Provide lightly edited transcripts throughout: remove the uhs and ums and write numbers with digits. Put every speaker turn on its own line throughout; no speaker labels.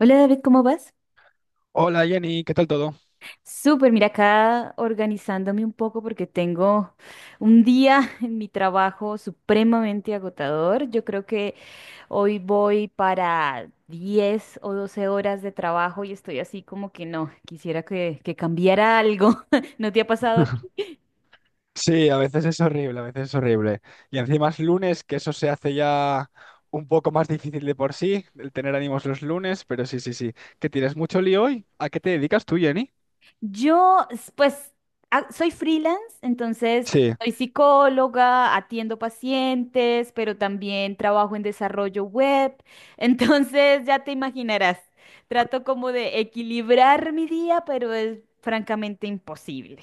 Hola David, ¿cómo vas?
Hola Jenny, ¿qué tal todo?
Súper, mira acá organizándome un poco porque tengo un día en mi trabajo supremamente agotador. Yo creo que hoy voy para 10 o 12 horas de trabajo y estoy así como que no, quisiera que cambiara algo. ¿No te ha pasado?
Sí, a veces es horrible, a veces es horrible. Y encima es lunes, que eso se hace ya un poco más difícil de por sí, el tener ánimos los lunes, pero sí, sí, sí. ¿Que tienes mucho lío hoy? ¿A qué te dedicas tú, Jenny?
Yo, pues, soy freelance, entonces
Sí,
soy psicóloga, atiendo pacientes, pero también trabajo en desarrollo web. Entonces, ya te imaginarás, trato como de equilibrar mi día, pero es francamente imposible.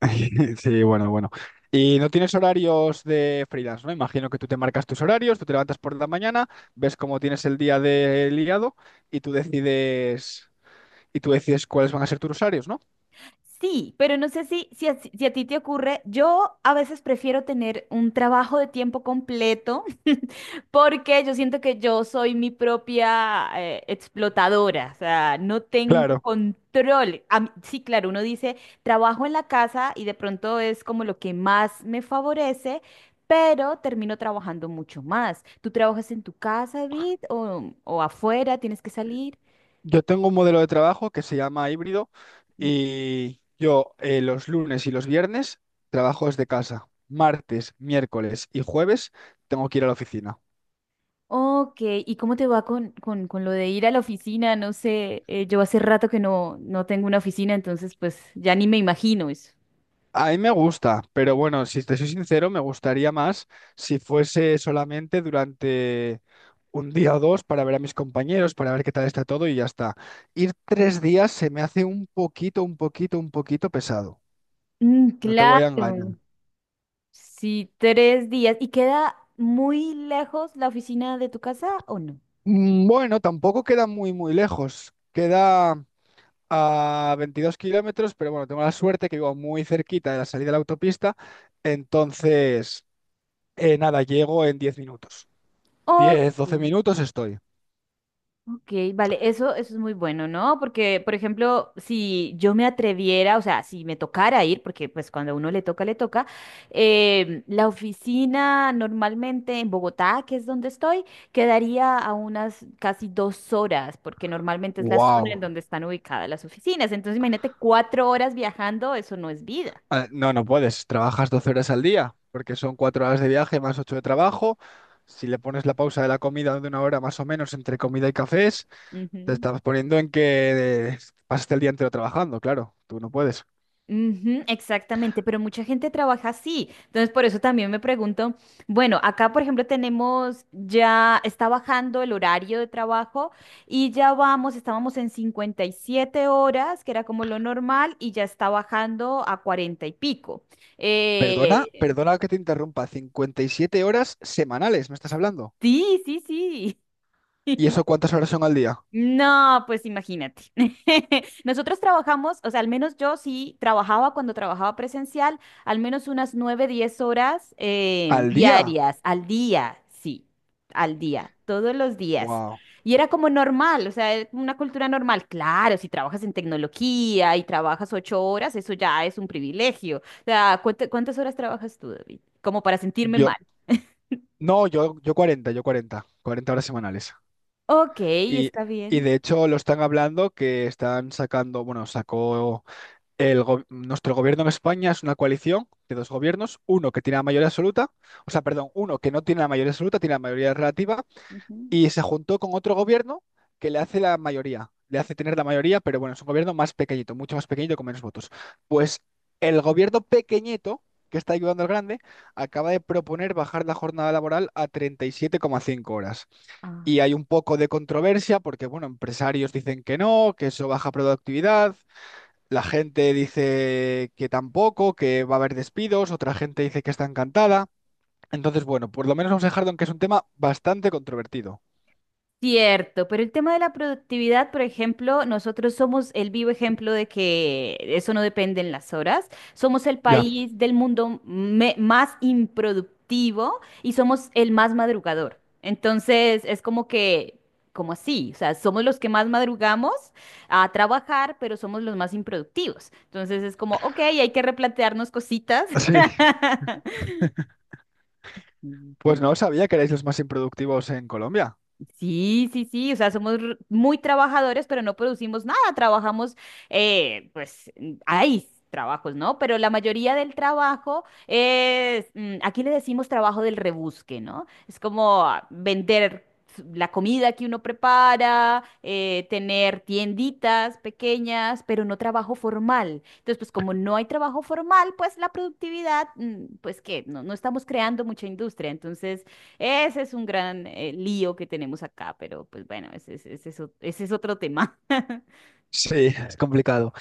sí, bueno, bueno. Y no tienes horarios de freelance, ¿no? Imagino que tú te marcas tus horarios, tú te levantas por la mañana, ves cómo tienes el día de liado y tú decides, y tú decides cuáles van a ser tus horarios, ¿no?
Sí, pero no sé si a ti te ocurre, yo a veces prefiero tener un trabajo de tiempo completo porque yo siento que yo soy mi propia explotadora, o sea, no tengo
Claro.
control. Sí, claro, uno dice, trabajo en la casa y de pronto es como lo que más me favorece, pero termino trabajando mucho más. ¿Tú trabajas en tu casa, David, o afuera? ¿Tienes que salir?
Yo tengo un modelo de trabajo que se llama híbrido y yo los lunes y los viernes trabajo desde casa. Martes, miércoles y jueves tengo que ir a la oficina.
Ok, ¿y cómo te va con lo de ir a la oficina? No sé, yo hace rato que no tengo una oficina, entonces pues ya ni me imagino eso.
A mí me gusta, pero bueno, si te soy sincero, me gustaría más si fuese solamente durante un día o dos para ver a mis compañeros, para ver qué tal está todo y ya está. Ir tres días se me hace un poquito, un poquito, un poquito pesado.
Mm,
No te voy a engañar.
claro, sí, tres días. ¿Y queda muy lejos la oficina de tu casa o no?
Bueno, tampoco queda muy, muy lejos. Queda a 22 kilómetros, pero bueno, tengo la suerte que vivo muy cerquita de la salida de la autopista, entonces, nada, llego en 10 minutos.
Ok.
10, 12 minutos estoy.
Ok, vale, eso es muy bueno, ¿no? Porque, por ejemplo, si yo me atreviera, o sea, si me tocara ir, porque pues cuando a uno le toca, la oficina normalmente en Bogotá, que es donde estoy, quedaría a unas casi dos horas, porque normalmente es la zona en
¡Wow!
donde están ubicadas las oficinas. Entonces, imagínate cuatro horas viajando, eso no es vida.
No, no puedes, trabajas 12 horas al día, porque son 4 horas de viaje más 8 de trabajo. Si le pones la pausa de la comida de 1 hora más o menos entre comida y cafés, te
Ujú.
estás poniendo en que pasaste el día entero trabajando, claro, tú no puedes.
Ujú, exactamente, pero mucha gente trabaja así. Entonces, por eso también me pregunto, bueno, acá, por ejemplo, tenemos ya, está bajando el horario de trabajo y ya vamos, estábamos en 57 horas, que era como lo normal, y ya está bajando a 40 y pico.
Perdona,
Eh,
perdona que te interrumpa, 57 horas semanales, ¿me estás hablando?
sí, sí, sí.
¿Y eso cuántas horas son al día?
No, pues imagínate. Nosotros trabajamos, o sea, al menos yo sí trabajaba cuando trabajaba presencial, al menos unas 9 10 horas
¿Al día?
diarias, al día, sí, al día, todos los días.
Wow.
Y era como normal, o sea, era como una cultura normal. Claro, si trabajas en tecnología y trabajas ocho horas, eso ya es un privilegio. O sea, ¿cuántas horas trabajas tú, David? Como para sentirme mal.
Yo, no, 40 horas semanales.
Ok,
Y,
está
y
bien.
de hecho lo están hablando que están sacando, bueno, sacó nuestro gobierno en España es una coalición de dos gobiernos, uno que tiene la mayoría absoluta, o sea, perdón, uno que no tiene la mayoría absoluta, tiene la mayoría relativa,
Ujú.
y se juntó con otro gobierno que le hace la mayoría, le hace tener la mayoría, pero bueno, es un gobierno más pequeñito, mucho más pequeñito con menos votos. Pues el gobierno pequeñito, que está ayudando al grande, acaba de proponer bajar la jornada laboral a 37,5 horas.
Ah.
Y hay un poco de controversia porque, bueno, empresarios dicen que no, que eso baja productividad. La gente dice que tampoco, que va a haber despidos, otra gente dice que está encantada. Entonces, bueno, por lo menos vamos a dejarlo en que es un tema bastante controvertido.
Cierto, pero el tema de la productividad, por ejemplo, nosotros somos el vivo ejemplo de que eso no depende en las horas. Somos el
Ya.
país del mundo más improductivo y somos el más madrugador. Entonces, es como que, como así, o sea, somos los que más madrugamos a trabajar, pero somos los más improductivos. Entonces, es como, ok, hay que replantearnos cositas.
Sí,
Sí, sí,
pues no sabía que erais los más improductivos en Colombia.
sí, sí, sí, o sea, somos muy trabajadores, pero no producimos nada, trabajamos, pues mm, hay trabajos, ¿no? Pero la mayoría del trabajo es, mm, aquí le decimos trabajo del rebusque, ¿no? Es como ah, vender la comida que uno prepara, tener tienditas pequeñas, pero no trabajo formal. Entonces, pues como no hay trabajo formal, pues la productividad, mm, pues que no, no estamos creando mucha industria, entonces... Ese es un gran lío que tenemos acá, pero pues bueno, ese es otro tema.
Sí. Es complicado.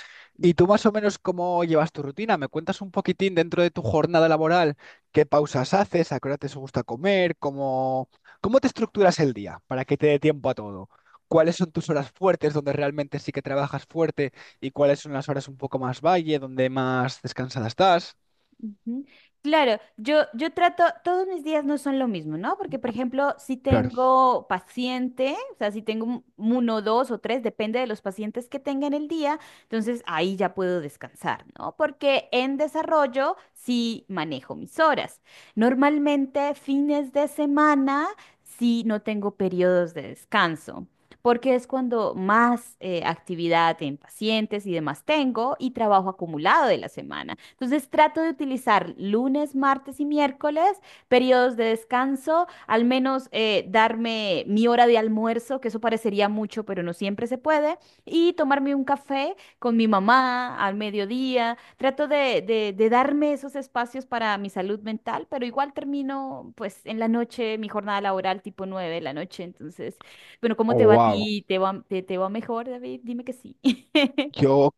¿Y tú más o menos cómo llevas tu rutina? ¿Me cuentas un poquitín dentro de tu jornada laboral? ¿Qué pausas haces? ¿A qué hora te gusta comer? ¿Cómo te estructuras el día para que te dé tiempo a todo? ¿Cuáles son tus horas fuertes donde realmente sí que trabajas fuerte y cuáles son las horas un poco más valle, donde más descansada estás?
Ujú. Claro, yo trato, todos mis días no son lo mismo, ¿no? Porque, por ejemplo, si
Claro.
tengo paciente, o sea, si tengo uno, dos o tres, depende de los pacientes que tenga en el día, entonces ahí ya puedo descansar, ¿no? Porque en desarrollo sí manejo mis horas. Normalmente fines de semana sí no tengo periodos de descanso. Porque es cuando más actividad en pacientes y demás tengo y trabajo acumulado de la semana. Entonces trato de utilizar lunes, martes y miércoles, periodos de descanso, al menos darme mi hora de almuerzo, que eso parecería mucho, pero no siempre se puede, y tomarme un café con mi mamá al mediodía. Trato de darme esos espacios para mi salud mental, pero igual termino pues en la noche mi jornada laboral tipo 9 de la noche. Entonces, bueno, ¿cómo te
Oh,
va a
wow.
ti? ¿Te va, te va mejor, David? Dime que sí.
Yo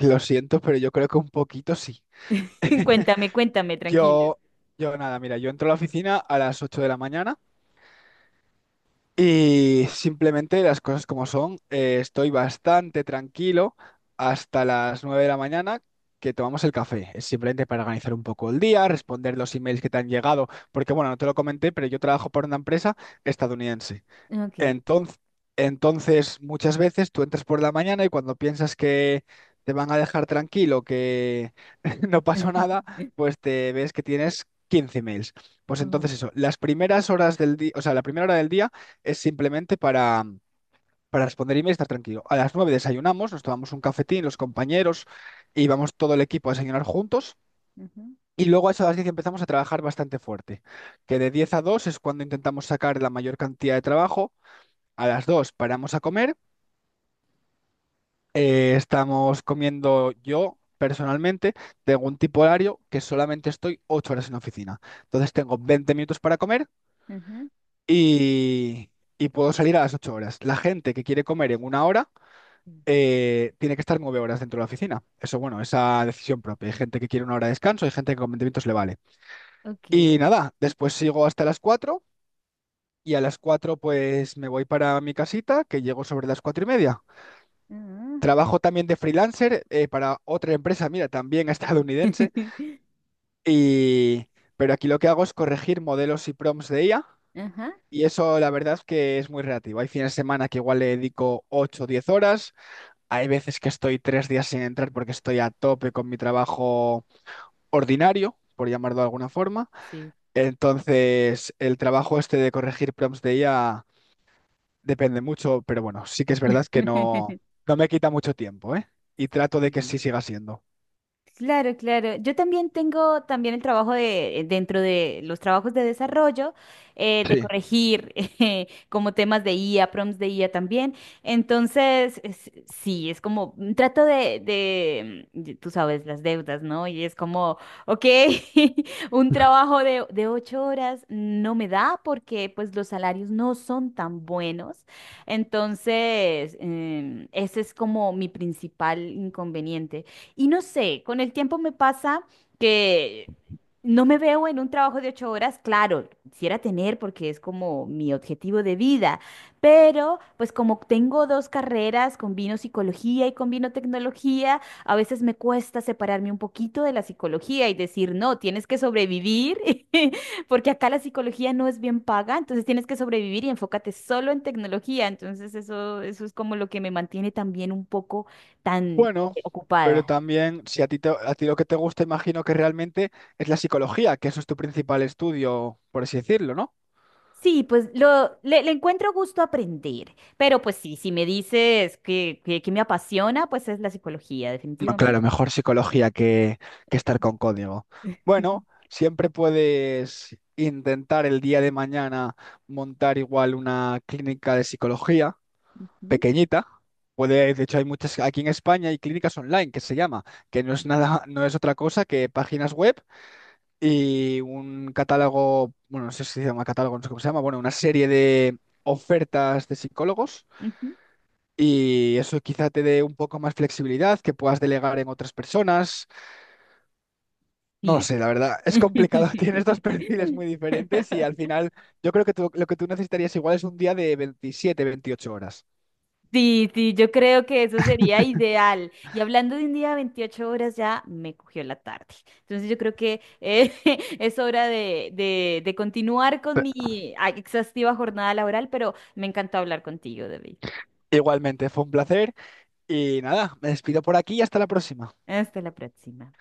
lo siento, pero yo creo que un poquito sí.
Cuéntame, cuéntame, tranquilo.
Yo, yo nada, mira, yo entro a la oficina a las 8 de la mañana y simplemente las cosas como son, estoy bastante tranquilo hasta las 9 de la mañana que tomamos el café. Es simplemente para organizar un poco el día, responder los emails que te han llegado, porque bueno, no te lo comenté, pero yo trabajo para una empresa estadounidense.
Ok.
Entonces, entonces, muchas veces tú entras por la mañana y cuando piensas que te van a dejar tranquilo, que no pasó nada, pues te ves que tienes 15 mails. Pues entonces eso, las primeras horas del día, o sea, la primera hora del día es simplemente para, responder emails y estar tranquilo. A las 9 desayunamos, nos tomamos un cafetín, los compañeros, y vamos todo el equipo a desayunar juntos.
Ujú,
Y luego a eso a las 10 empezamos a trabajar bastante fuerte, que de 10 a 2 es cuando intentamos sacar la mayor cantidad de trabajo. A las 2 paramos a comer, estamos comiendo yo personalmente, tengo un tipo horario que solamente estoy 8 horas en la oficina. Entonces tengo 20 minutos para comer
ujú.
y, y puedo salir a las 8 horas. La gente que quiere comer en 1 hora
Mm.
tiene que estar 9 horas dentro de la oficina. Eso, bueno, esa decisión propia. Hay gente que quiere 1 hora de descanso, hay gente que con 20 minutos le vale.
Ok.
Y nada, después sigo hasta las 4. Y a las 4 pues me voy para mi casita, que llego sobre las 4 y media.
Ah.
Trabajo también de freelancer para otra empresa, mira, también estadounidense, y... pero aquí lo que hago es corregir modelos y prompts de IA,
Ajá,
y eso la verdad es que es muy relativo. Hay fines de semana que igual le dedico 8 o 10 horas, hay veces que estoy 3 días sin entrar porque estoy a tope con mi trabajo ordinario, por llamarlo de alguna forma.
sí.
Entonces, el trabajo este de corregir prompts de IA depende mucho, pero bueno, sí que es verdad que no, no me quita mucho tiempo, ¿eh? Y trato de que
Sí.
sí siga siendo.
Claro, claro. Yo también tengo también el trabajo de dentro de los trabajos de desarrollo, de
Sí.
corregir como temas de IA, prompts de IA también. Entonces, sí, es como mm, trato de tú sabes, las deudas, ¿no? Y es como, ok, un trabajo de ocho horas no me da porque pues los salarios no son tan buenos. Entonces, em, ese es como mi principal inconveniente. Y no sé, con el tiempo me pasa que no me veo en un trabajo de ocho horas, claro, quisiera tener porque es como mi objetivo de vida, pero pues como tengo dos carreras, combino psicología y combino tecnología, a veces me cuesta separarme un poquito de la psicología y decir, no, tienes que sobrevivir, porque acá la psicología no es bien paga, entonces tienes que sobrevivir y enfócate solo en tecnología, entonces eso es como lo que me mantiene también un poco tan...
Bueno, pero
ocupada.
también si a ti, a ti lo que te gusta, imagino que realmente es la psicología, que eso es tu principal estudio, por así decirlo, ¿no?
Sí, pues le encuentro gusto a aprender, pero pues sí, si me dices que me apasiona, pues es la psicología,
No,
definitivamente.
claro, mejor psicología que estar con código. Bueno, siempre puedes intentar el día de mañana montar igual una clínica de psicología
Ujú,
pequeñita. Puede, de hecho, hay muchas, aquí en España hay clínicas online que se llama, que no es nada, no es otra cosa que páginas web y un catálogo, bueno, no sé si se llama catálogo, no sé cómo se llama, bueno, una serie de ofertas de psicólogos
ujú,
y eso quizá te dé un poco más flexibilidad, que puedas delegar en otras personas. No lo
sí.
sé, la verdad, es complicado, tienes dos perfiles muy diferentes y al final yo creo que lo que tú necesitarías igual es un día de 27, 28 horas.
Sí, sí, yo creo que eso sería ideal. Y hablando de un día de 28 horas, ya me cogió la tarde. Entonces yo creo que es hora de continuar con
Pe-
mi ah, exhaustiva jornada laboral, pero me encantó hablar contigo, David.
Igualmente, fue un placer y nada, me despido por aquí y hasta la próxima.
Hasta la próxima.